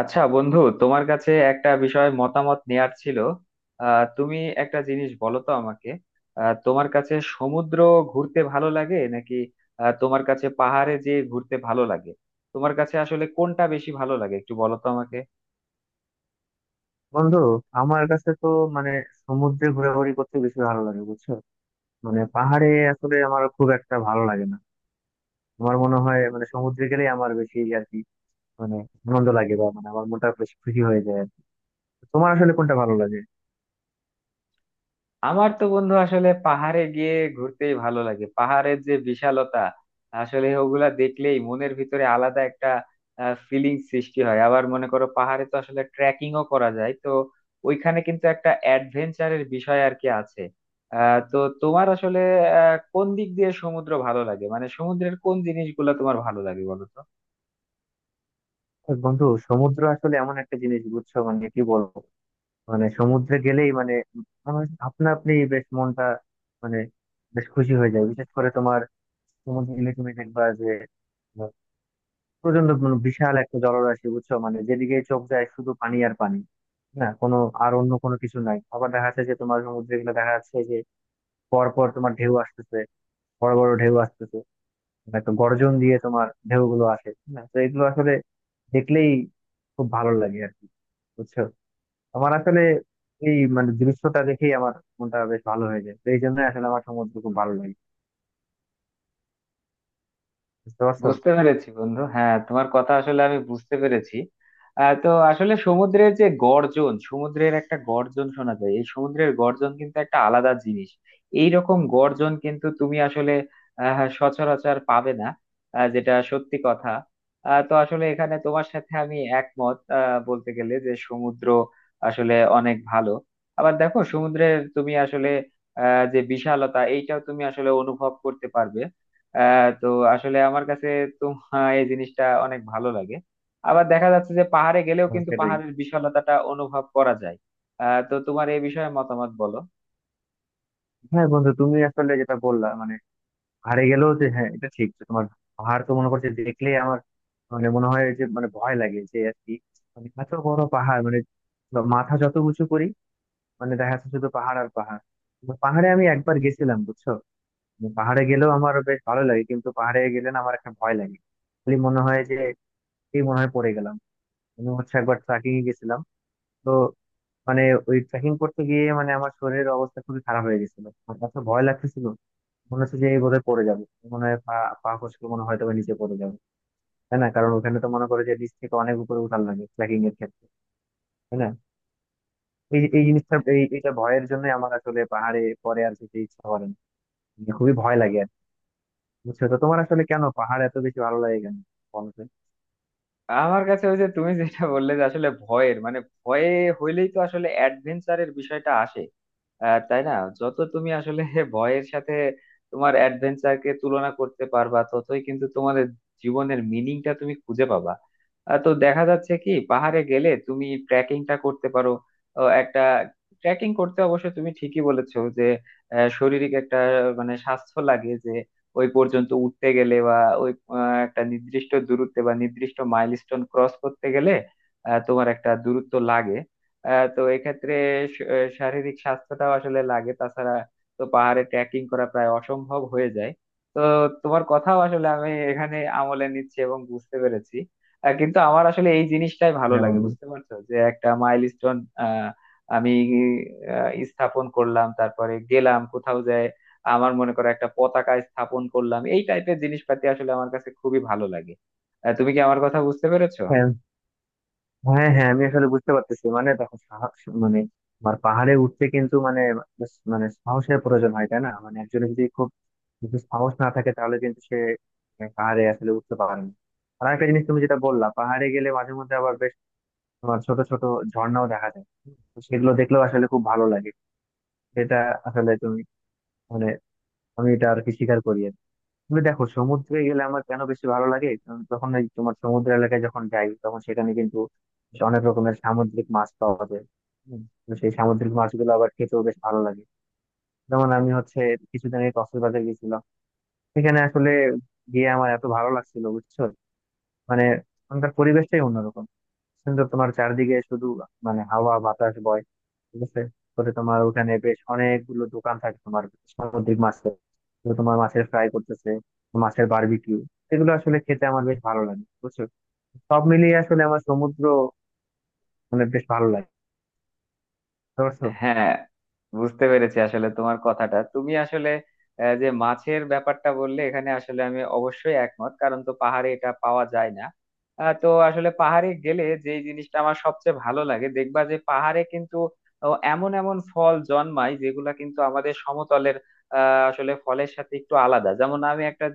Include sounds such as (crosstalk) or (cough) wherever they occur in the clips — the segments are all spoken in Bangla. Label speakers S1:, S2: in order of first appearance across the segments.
S1: আচ্ছা বন্ধু, তোমার কাছে একটা বিষয় মতামত নেয়ার ছিল। তুমি একটা জিনিস বলো তো আমাকে। তোমার কাছে সমুদ্র ঘুরতে ভালো লাগে নাকি তোমার কাছে পাহাড়ে যেয়ে ঘুরতে ভালো লাগে? তোমার কাছে আসলে কোনটা বেশি ভালো লাগে একটু বলো তো আমাকে।
S2: বন্ধু, আমার কাছে তো মানে সমুদ্রে ঘোরাঘুরি করতে বেশি ভালো লাগে, বুঝছো। পাহাড়ে আসলে আমার খুব একটা ভালো লাগে না। আমার মনে হয় সমুদ্রে গেলেই আমার বেশি আর কি, মানে আনন্দ লাগে, বা আমার মনটা বেশ খুশি হয়ে যায় আর কি। তোমার আসলে কোনটা ভালো লাগে?
S1: আমার তো বন্ধু আসলে পাহাড়ে গিয়ে ঘুরতেই ভালো লাগে। পাহাড়ের যে বিশালতা, আসলে ওগুলা দেখলেই মনের ভিতরে আলাদা একটা ফিলিং সৃষ্টি হয়। আবার মনে করো পাহাড়ে তো আসলে ট্রেকিংও করা যায় তো, ওইখানে কিন্তু একটা অ্যাডভেঞ্চারের বিষয় আর কি আছে। তো তোমার আসলে কোন দিক দিয়ে সমুদ্র ভালো লাগে, মানে সমুদ্রের কোন জিনিসগুলো তোমার ভালো লাগে বলো তো।
S2: আর বন্ধু, সমুদ্র আসলে এমন একটা জিনিস, বুঝছো, কি বলবো, সমুদ্রে গেলেই আমার আপনা আপনি বেশ মনটা, মানে বেশ খুশি হয়ে যায়। বিশেষ করে তোমার সমুদ্রে গেলে তুমি দেখবা যে প্রচন্ড, বিশাল একটা জলরাশি, বুঝছো, যেদিকে চোখ যায় শুধু পানি আর পানি, না কোনো আর অন্য কোনো কিছু নাই। আবার দেখা যাচ্ছে যে তোমার সমুদ্রে গুলো দেখা যাচ্ছে যে পর পর তোমার ঢেউ আসতেছে, বড় বড় ঢেউ আসতেছে, একটা গর্জন দিয়ে তোমার ঢেউ গুলো আসে। না তো এগুলো আসলে দেখলেই খুব ভালো লাগে আর কি, বুঝছো। আমার আসলে এই দৃশ্যটা দেখেই আমার মনটা বেশ ভালো হয়ে যায়, তো এই জন্য আসলে আমার সমুদ্র খুব ভালো লাগে। বুঝতে পারছো?
S1: বুঝতে পেরেছি বন্ধু, হ্যাঁ তোমার কথা আসলে আমি বুঝতে পেরেছি। তো আসলে সমুদ্রের যে গর্জন, সমুদ্রের একটা গর্জন শোনা যায়, এই সমুদ্রের গর্জন কিন্তু একটা আলাদা জিনিস। এই রকম গর্জন কিন্তু তুমি আসলে সচরাচর পাবে না, যেটা সত্যি কথা। তো আসলে এখানে তোমার সাথে আমি একমত, বলতে গেলে যে সমুদ্র আসলে অনেক ভালো। আবার দেখো সমুদ্রের তুমি আসলে যে বিশালতা, এইটাও তুমি আসলে অনুভব করতে পারবে। তো আসলে আমার কাছে তোমার এই জিনিসটা অনেক ভালো লাগে। আবার দেখা যাচ্ছে যে পাহাড়ে গেলেও
S2: হ্যাঁ,
S1: কিন্তু
S2: সেটাই।
S1: পাহাড়ের বিশালতাটা অনুভব করা যায়। তো তোমার এই বিষয়ে মতামত বলো।
S2: হ্যাঁ বন্ধু, তুমি আসলে যেটা বললা হারে গেলেও, যে হ্যাঁ এটা ঠিক যে তোমার পাহাড় তো মনে করছে দেখলে আমার মনে হয় যে ভয় লাগে যে আর কি। এত বড় পাহাড়, মাথা যত উঁচু করি দেখা যাচ্ছে শুধু পাহাড় আর পাহাড়। তো পাহাড়ে আমি একবার গেছিলাম, বুঝছো। পাহাড়ে গেলেও আমার বেশ ভালো লাগে, কিন্তু পাহাড়ে গেলে না আমার একটা ভয় লাগে। খালি মনে হয় যে এই মনে হয় পড়ে গেলাম। আমি হচ্ছে একবার ট্রেকিং এ গেছিলাম, তো মানে ওই ট্রেকিং করতে গিয়ে আমার শরীরের অবস্থা খুবই খারাপ হয়ে গেছিল, আমার এত ভয় লাগতেছিল। মনে হচ্ছে যে এই বোধহয় পড়ে যাবে, মনে হয় পা পা খসলে মনে হয় তবে নিচে পড়ে যাবে, তাই না? কারণ ওখানে তো মনে করে যে নিচ থেকে অনেক উপরে উঠান লাগে ট্রেকিং এর ক্ষেত্রে, তাই না। এই এই জিনিসটা, এটা ভয়ের জন্য আমার আসলে পাহাড়ে পরে আর যেতে ইচ্ছা করে না, খুবই ভয় লাগে আর কি। বুঝছো? তো তোমার আসলে কেন পাহাড় এত বেশি ভালো লাগে, কেন বলো তো?
S1: আমার কাছে ওই যে তুমি যেটা বললে যে আসলে ভয়ের মানে ভয়ে হইলেই তো আসলে অ্যাডভেঞ্চারের বিষয়টা আসে, তাই না? যত তুমি আসলে (laughs) ভয়ের সাথে তোমার অ্যাডভেঞ্চারকে তুলনা করতে পারবা ততই কিন্তু তোমাদের জীবনের মিনিংটা তুমি খুঁজে পাবা। তো দেখা যাচ্ছে কি পাহাড়ে গেলে তুমি ট্রেকিংটা করতে পারো। ও একটা ট্রেকিং করতে অবশ্য তুমি ঠিকই বলেছো যে শারীরিক একটা মানে স্বাস্থ্য লাগে, যে ওই পর্যন্ত উঠতে গেলে বা ওই একটা নির্দিষ্ট দূরত্বে বা নির্দিষ্ট মাইলস্টোন ক্রস করতে গেলে তোমার একটা দূরত্ব লাগে। তো এক্ষেত্রে শারীরিক স্বাস্থ্যটাও আসলে লাগে, তাছাড়া তো পাহাড়ে ট্রেকিং করা প্রায় অসম্ভব হয়ে যায়। তো তোমার কথাও আসলে আমি এখানে আমলে নিচ্ছি এবং বুঝতে পেরেছি। কিন্তু আমার আসলে এই জিনিসটাই ভালো
S2: হ্যাঁ
S1: লাগে,
S2: বন্ধু,
S1: বুঝতে পারছো, যে একটা মাইলস্টোন আহ আমি স্থাপন করলাম, তারপরে গেলাম কোথাও যায়, আমার মনে করো একটা পতাকা স্থাপন করলাম, এই টাইপের জিনিসপাতি আসলে আমার কাছে খুবই ভালো লাগে। তুমি কি আমার কথা বুঝতে পেরেছো?
S2: হ্যাঁ হ্যাঁ হ্যাঁ আমি আসলে বুঝতে পারতেছি। দেখো সাহস, মানে আমার পাহাড়ে উঠতে কিন্তু মানে মানে সাহসের প্রয়োজন হয়, তাই না। একজনের যদি খুব, যদি সাহস না থাকে, তাহলে কিন্তু সে পাহাড়ে আসলে উঠতে পারে না। আর একটা জিনিস তুমি যেটা বললা, পাহাড়ে গেলে মাঝে মধ্যে আবার বেশ তোমার ছোট ছোট ঝর্ণাও দেখা যায়, তো সেগুলো দেখলেও আসলে খুব ভালো লাগে। সেটা আসলে তুমি, মানে আমি এটা আর কি স্বীকার করি আর কি। তুমি দেখো সমুদ্রে গেলে আমার কেন বেশি ভালো লাগে, কারণ তখন ওই তোমার সমুদ্র এলাকায় যখন যাই, তখন সেখানে কিন্তু বেশ অনেক রকমের সামুদ্রিক মাছ পাওয়া যায়। হুম। তো সেই সামুদ্রিক মাছগুলো আবার খেতেও বেশ ভালো লাগে। যেমন আমি হচ্ছে কিছুদিন আগে কক্সবাজার গেছিলাম, সেখানে আসলে গিয়ে আমার এত ভালো লাগছিল, বুঝছো। মানে ওখানকার পরিবেশটাই অন্যরকম সুন্দর, তোমার চারদিকে শুধু হাওয়া বাতাস বয়, ঠিক আছে। পরে তোমার ওখানে বেশ অনেকগুলো দোকান থাকে তোমার সামুদ্রিক মাছের, তো তোমার মাছের ফ্রাই করতেছে, মাছের বারবিকিউ, এগুলো আসলে খেতে আমার বেশ ভালো লাগে, বুঝছো। সব মিলিয়ে আসলে আমার সমুদ্র বেশ ভালো লাগে। বুঝতে পারছো?
S1: হ্যাঁ, বুঝতে পেরেছি আসলে তোমার কথাটা। তুমি আসলে যে মাছের ব্যাপারটা বললে, এখানে আসলে আমি অবশ্যই একমত, কারণ তো পাহাড়ে এটা পাওয়া যায় না। তো আসলে পাহাড়ে গেলে যে জিনিসটা আমার সবচেয়ে ভালো লাগে, দেখবা যে পাহাড়ে কিন্তু ও, এমন এমন ফল জন্মায় যেগুলা কিন্তু আমাদের সমতলের আসলে ফলের সাথে একটু আলাদা। যেমন আমি একটা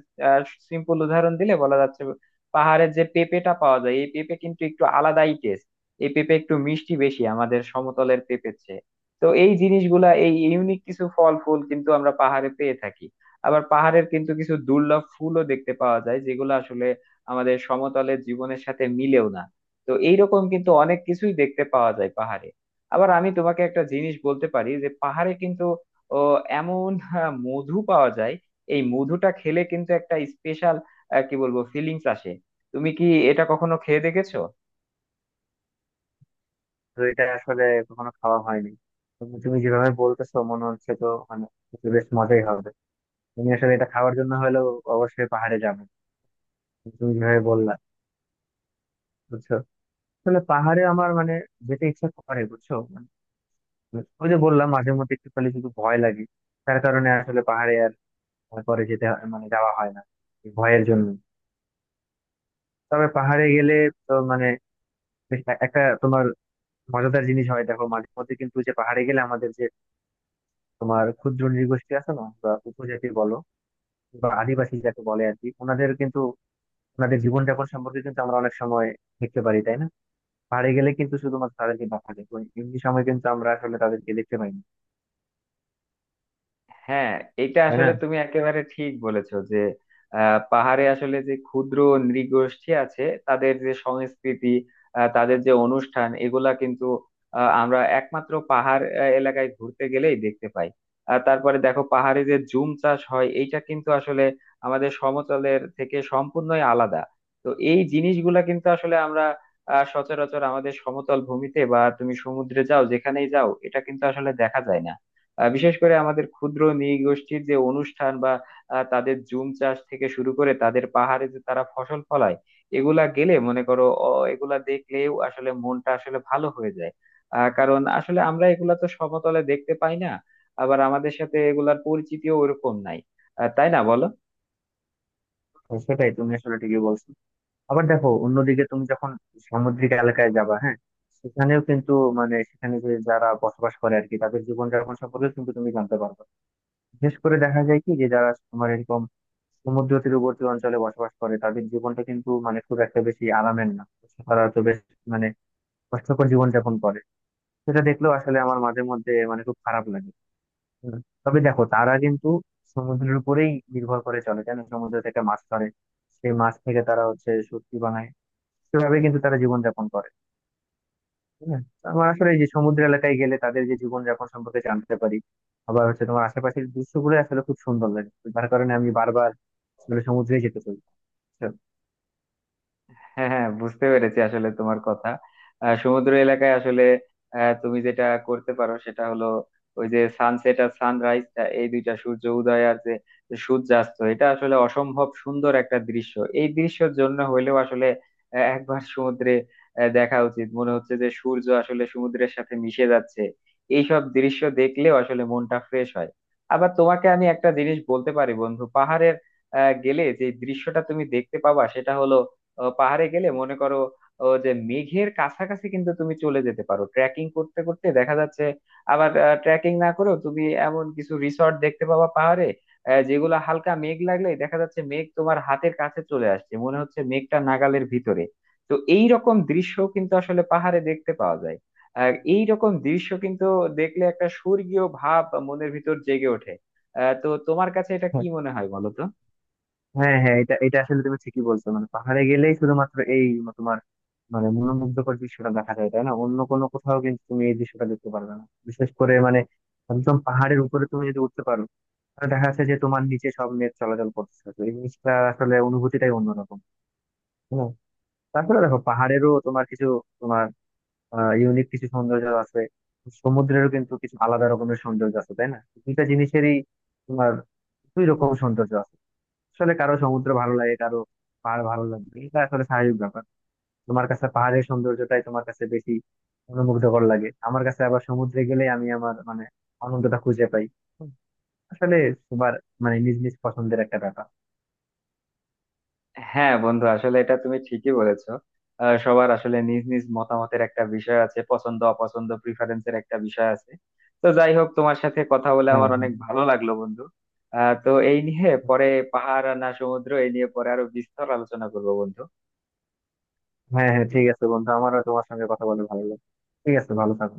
S1: সিম্পল উদাহরণ দিলে বলা যাচ্ছে, পাহাড়ের যে পেঁপেটা পাওয়া যায় এই পেঁপে কিন্তু একটু আলাদাই টেস্ট। এই পেঁপে একটু মিষ্টি বেশি আমাদের সমতলের পেঁপের চেয়ে। তো এই জিনিসগুলা, এই ইউনিক কিছু ফল ফুল কিন্তু আমরা পাহাড়ে পেয়ে থাকি। আবার পাহাড়ের কিন্তু কিছু দুর্লভ ফুলও দেখতে পাওয়া যায়, যেগুলো আসলে আমাদের সমতলের জীবনের সাথে মিলেও না। তো এইরকম কিন্তু অনেক কিছুই দেখতে পাওয়া যায় পাহাড়ে। আবার আমি তোমাকে একটা জিনিস বলতে পারি যে পাহাড়ে কিন্তু ও, এমন মধু পাওয়া যায়। এই মধুটা খেলে কিন্তু একটা স্পেশাল, কি বলবো, ফিলিংস আসে। তুমি কি এটা কখনো খেয়ে দেখেছো?
S2: তো এটা আসলে কখনো খাওয়া হয়নি। তুমি তুমি যেভাবে বলতেছো মনে হচ্ছে তো বেশ মজাই হবে। তুমি আসলে এটা খাওয়ার জন্য হলেও অবশ্যই পাহাড়ে যাবে, তুমি যেভাবে বললা, বুঝছো। আসলে পাহাড়ে আমার যেতে ইচ্ছা করে, বুঝছো। ওই যে বললাম, মাঝে মধ্যে একটু খালি শুধু ভয় লাগে, তার কারণে আসলে পাহাড়ে আর পরে যাওয়া হয় না, এই ভয়ের জন্য। তবে পাহাড়ে গেলে তো বেশ একটা তোমার মজাদার জিনিস হয়। দেখো মাঝে মধ্যে কিন্তু যে পাহাড়ে গেলে আমাদের যে তোমার ক্ষুদ্র নৃগোষ্ঠী আছে না, বা উপজাতি বলো বা আদিবাসী যাকে বলে আর কি, ওনাদের কিন্তু ওনাদের জীবনযাপন সম্পর্কে কিন্তু আমরা অনেক সময় দেখতে পারি, তাই না। পাহাড়ে গেলে কিন্তু শুধুমাত্র তাদেরকে দেখা যায়, ওই এমনি সময় কিন্তু আমরা আসলে তাদেরকে দেখতে পাই না,
S1: হ্যাঁ, এটা
S2: তাই না।
S1: আসলে তুমি একেবারে ঠিক বলেছো যে পাহাড়ে আসলে যে ক্ষুদ্র নৃগোষ্ঠী আছে তাদের যে সংস্কৃতি, তাদের যে অনুষ্ঠান, এগুলা কিন্তু আমরা একমাত্র পাহাড় এলাকায় ঘুরতে গেলেই দেখতে পাই। আর তারপরে দেখো পাহাড়ে যে জুম চাষ হয় এইটা কিন্তু আসলে আমাদের সমতলের থেকে সম্পূর্ণই আলাদা। তো এই জিনিসগুলা কিন্তু আসলে আমরা সচরাচর আমাদের সমতল ভূমিতে বা তুমি সমুদ্রে যাও, যেখানেই যাও এটা কিন্তু আসলে দেখা যায় না। বিশেষ করে আমাদের ক্ষুদ্র নৃগোষ্ঠীর যে অনুষ্ঠান বা তাদের জুম চাষ থেকে শুরু করে তাদের পাহাড়ে যে তারা ফসল ফলায়, এগুলা গেলে মনে করো অ, এগুলা দেখলেও আসলে মনটা আসলে ভালো হয়ে যায়। কারণ আসলে আমরা এগুলা তো সমতলে দেখতে পাই না, আবার আমাদের সাথে এগুলার পরিচিতিও ওরকম নাই, তাই না বলো।
S2: তো সেটাই, তুমি আসলে ঠিকই বলছো। আবার দেখো অন্যদিকে তুমি যখন সামুদ্রিক এলাকায় যাবা, হ্যাঁ, সেখানেও কিন্তু সেখানে যে যারা বসবাস করে আর কি, তাদের জীবনযাপন সম্পর্কে কিন্তু তুমি জানতে পারবে। বিশেষ করে দেখা যায় কি, যে যারা তোমার এরকম সমুদ্র তীরবর্তী অঞ্চলে বসবাস করে, তাদের জীবনটা কিন্তু খুব একটা বেশি আরামের না। তারা তো বেশ মানে কষ্টকর জীবনযাপন করে। সেটা দেখলেও আসলে আমার মাঝে মধ্যে খুব খারাপ লাগে। হুম। তবে দেখো তারা কিন্তু সমুদ্রের উপরেই নির্ভর করে চলে, জানো? সমুদ্র থেকে মাছ ধরে, সেই মাছ থেকে তারা হচ্ছে সবজি বানায়, সেভাবে কিন্তু তারা জীবনযাপন করে, ঠিক আছে? তো আমার আসলে এই যে সমুদ্র এলাকায় গেলে তাদের যে জীবনযাপন সম্পর্কে জানতে পারি, আবার হচ্ছে তোমার আশেপাশের দৃশ্যগুলো আসলে খুব সুন্দর লাগে, তার কারণে আমি বারবার আসলে সমুদ্রে যেতে চাই। বুঝছো?
S1: হ্যাঁ হ্যাঁ, বুঝতে পেরেছি আসলে তোমার কথা। সমুদ্র এলাকায় আসলে তুমি যেটা করতে পারো সেটা হলো ওই যে সানসেট আর সানরাইজ, এই দুইটা সূর্য উদয় আর যে সূর্যাস্ত, এটা আসলে অসম্ভব সুন্দর একটা দৃশ্য। এই দৃশ্যের জন্য হইলেও আসলে একবার সমুদ্রে দেখা উচিত, মনে হচ্ছে যে সূর্য আসলে সমুদ্রের সাথে মিশে যাচ্ছে। এইসব দৃশ্য দেখলেও আসলে মনটা ফ্রেশ হয়। আবার তোমাকে আমি একটা জিনিস বলতে পারি বন্ধু, পাহাড়ের গেলে যে দৃশ্যটা তুমি দেখতে পাবা সেটা হলো পাহাড়ে গেলে মনে করো যে মেঘের কাছাকাছি কিন্তু তুমি চলে যেতে পারো ট্রেকিং করতে করতে, দেখা যাচ্ছে আবার ট্রেকিং না করেও তুমি এমন কিছু রিসর্ট দেখতে পাবা পাহাড়ে, যেগুলো হালকা মেঘ লাগলেই দেখা যাচ্ছে মেঘ তোমার হাতের কাছে চলে আসছে, মনে হচ্ছে মেঘটা নাগালের ভিতরে। তো এই রকম দৃশ্য কিন্তু আসলে পাহাড়ে দেখতে পাওয়া যায়, আর এই রকম দৃশ্য কিন্তু দেখলে একটা স্বর্গীয় ভাব মনের ভিতর জেগে ওঠে। তো তোমার কাছে এটা কি মনে হয় বলো তো।
S2: হ্যাঁ হ্যাঁ, এটা এটা আসলে তুমি ঠিকই বলছো। পাহাড়ে গেলেই শুধুমাত্র এই তোমার মনোমুগ্ধকর দৃশ্যটা দেখা যায়, তাই না। অন্য কোনো কোথাও কিন্তু তুমি এই দৃশ্যটা দেখতে পারবে না। বিশেষ করে একদম পাহাড়ের উপরে তুমি যদি উঠতে পারো, তাহলে দেখা যাচ্ছে যে তোমার নিচে সব নেট চলাচল করতেছে, তো এই জিনিসটা আসলে অনুভূতিটাই অন্যরকম, তাই না। তারপরে দেখো পাহাড়েরও তোমার কিছু তোমার ইউনিক কিছু সৌন্দর্য আছে, সমুদ্রেরও কিন্তু কিছু আলাদা রকমের সৌন্দর্য আছে, তাই না। দুইটা জিনিসেরই তোমার দুই রকম সৌন্দর্য আছে। আসলে কারো সমুদ্র ভালো লাগে, কারো পাহাড় ভালো লাগবে, এটা আসলে স্বাভাবিক ব্যাপার। তোমার কাছে পাহাড়ের সৌন্দর্যটাই তোমার কাছে বেশি অনুমুগ্ধকর লাগে, আমার কাছে আবার সমুদ্রে গেলে আমি আমার আনন্দটা খুঁজে পাই। আসলে সবার নিজ নিজ পছন্দের একটা ব্যাপার।
S1: হ্যাঁ বন্ধু, আসলে এটা তুমি ঠিকই বলেছো। সবার আসলে নিজ নিজ মতামতের একটা বিষয় আছে, পছন্দ অপছন্দ প্রিফারেন্সের একটা বিষয় আছে। তো যাই হোক, তোমার সাথে কথা বলে
S2: হ্যাঁ
S1: আমার
S2: হ্যাঁ।
S1: অনেক ভালো লাগলো বন্ধু। তো এই নিয়ে পরে, পাহাড় আর না সমুদ্র, এই নিয়ে পরে আরো বিস্তর আলোচনা করবো বন্ধু।
S2: ঠিক আছে বন্ধু, আমারও তোমার সঙ্গে কথা বলে ভালো লাগে। ঠিক আছে, ভালো থাকো।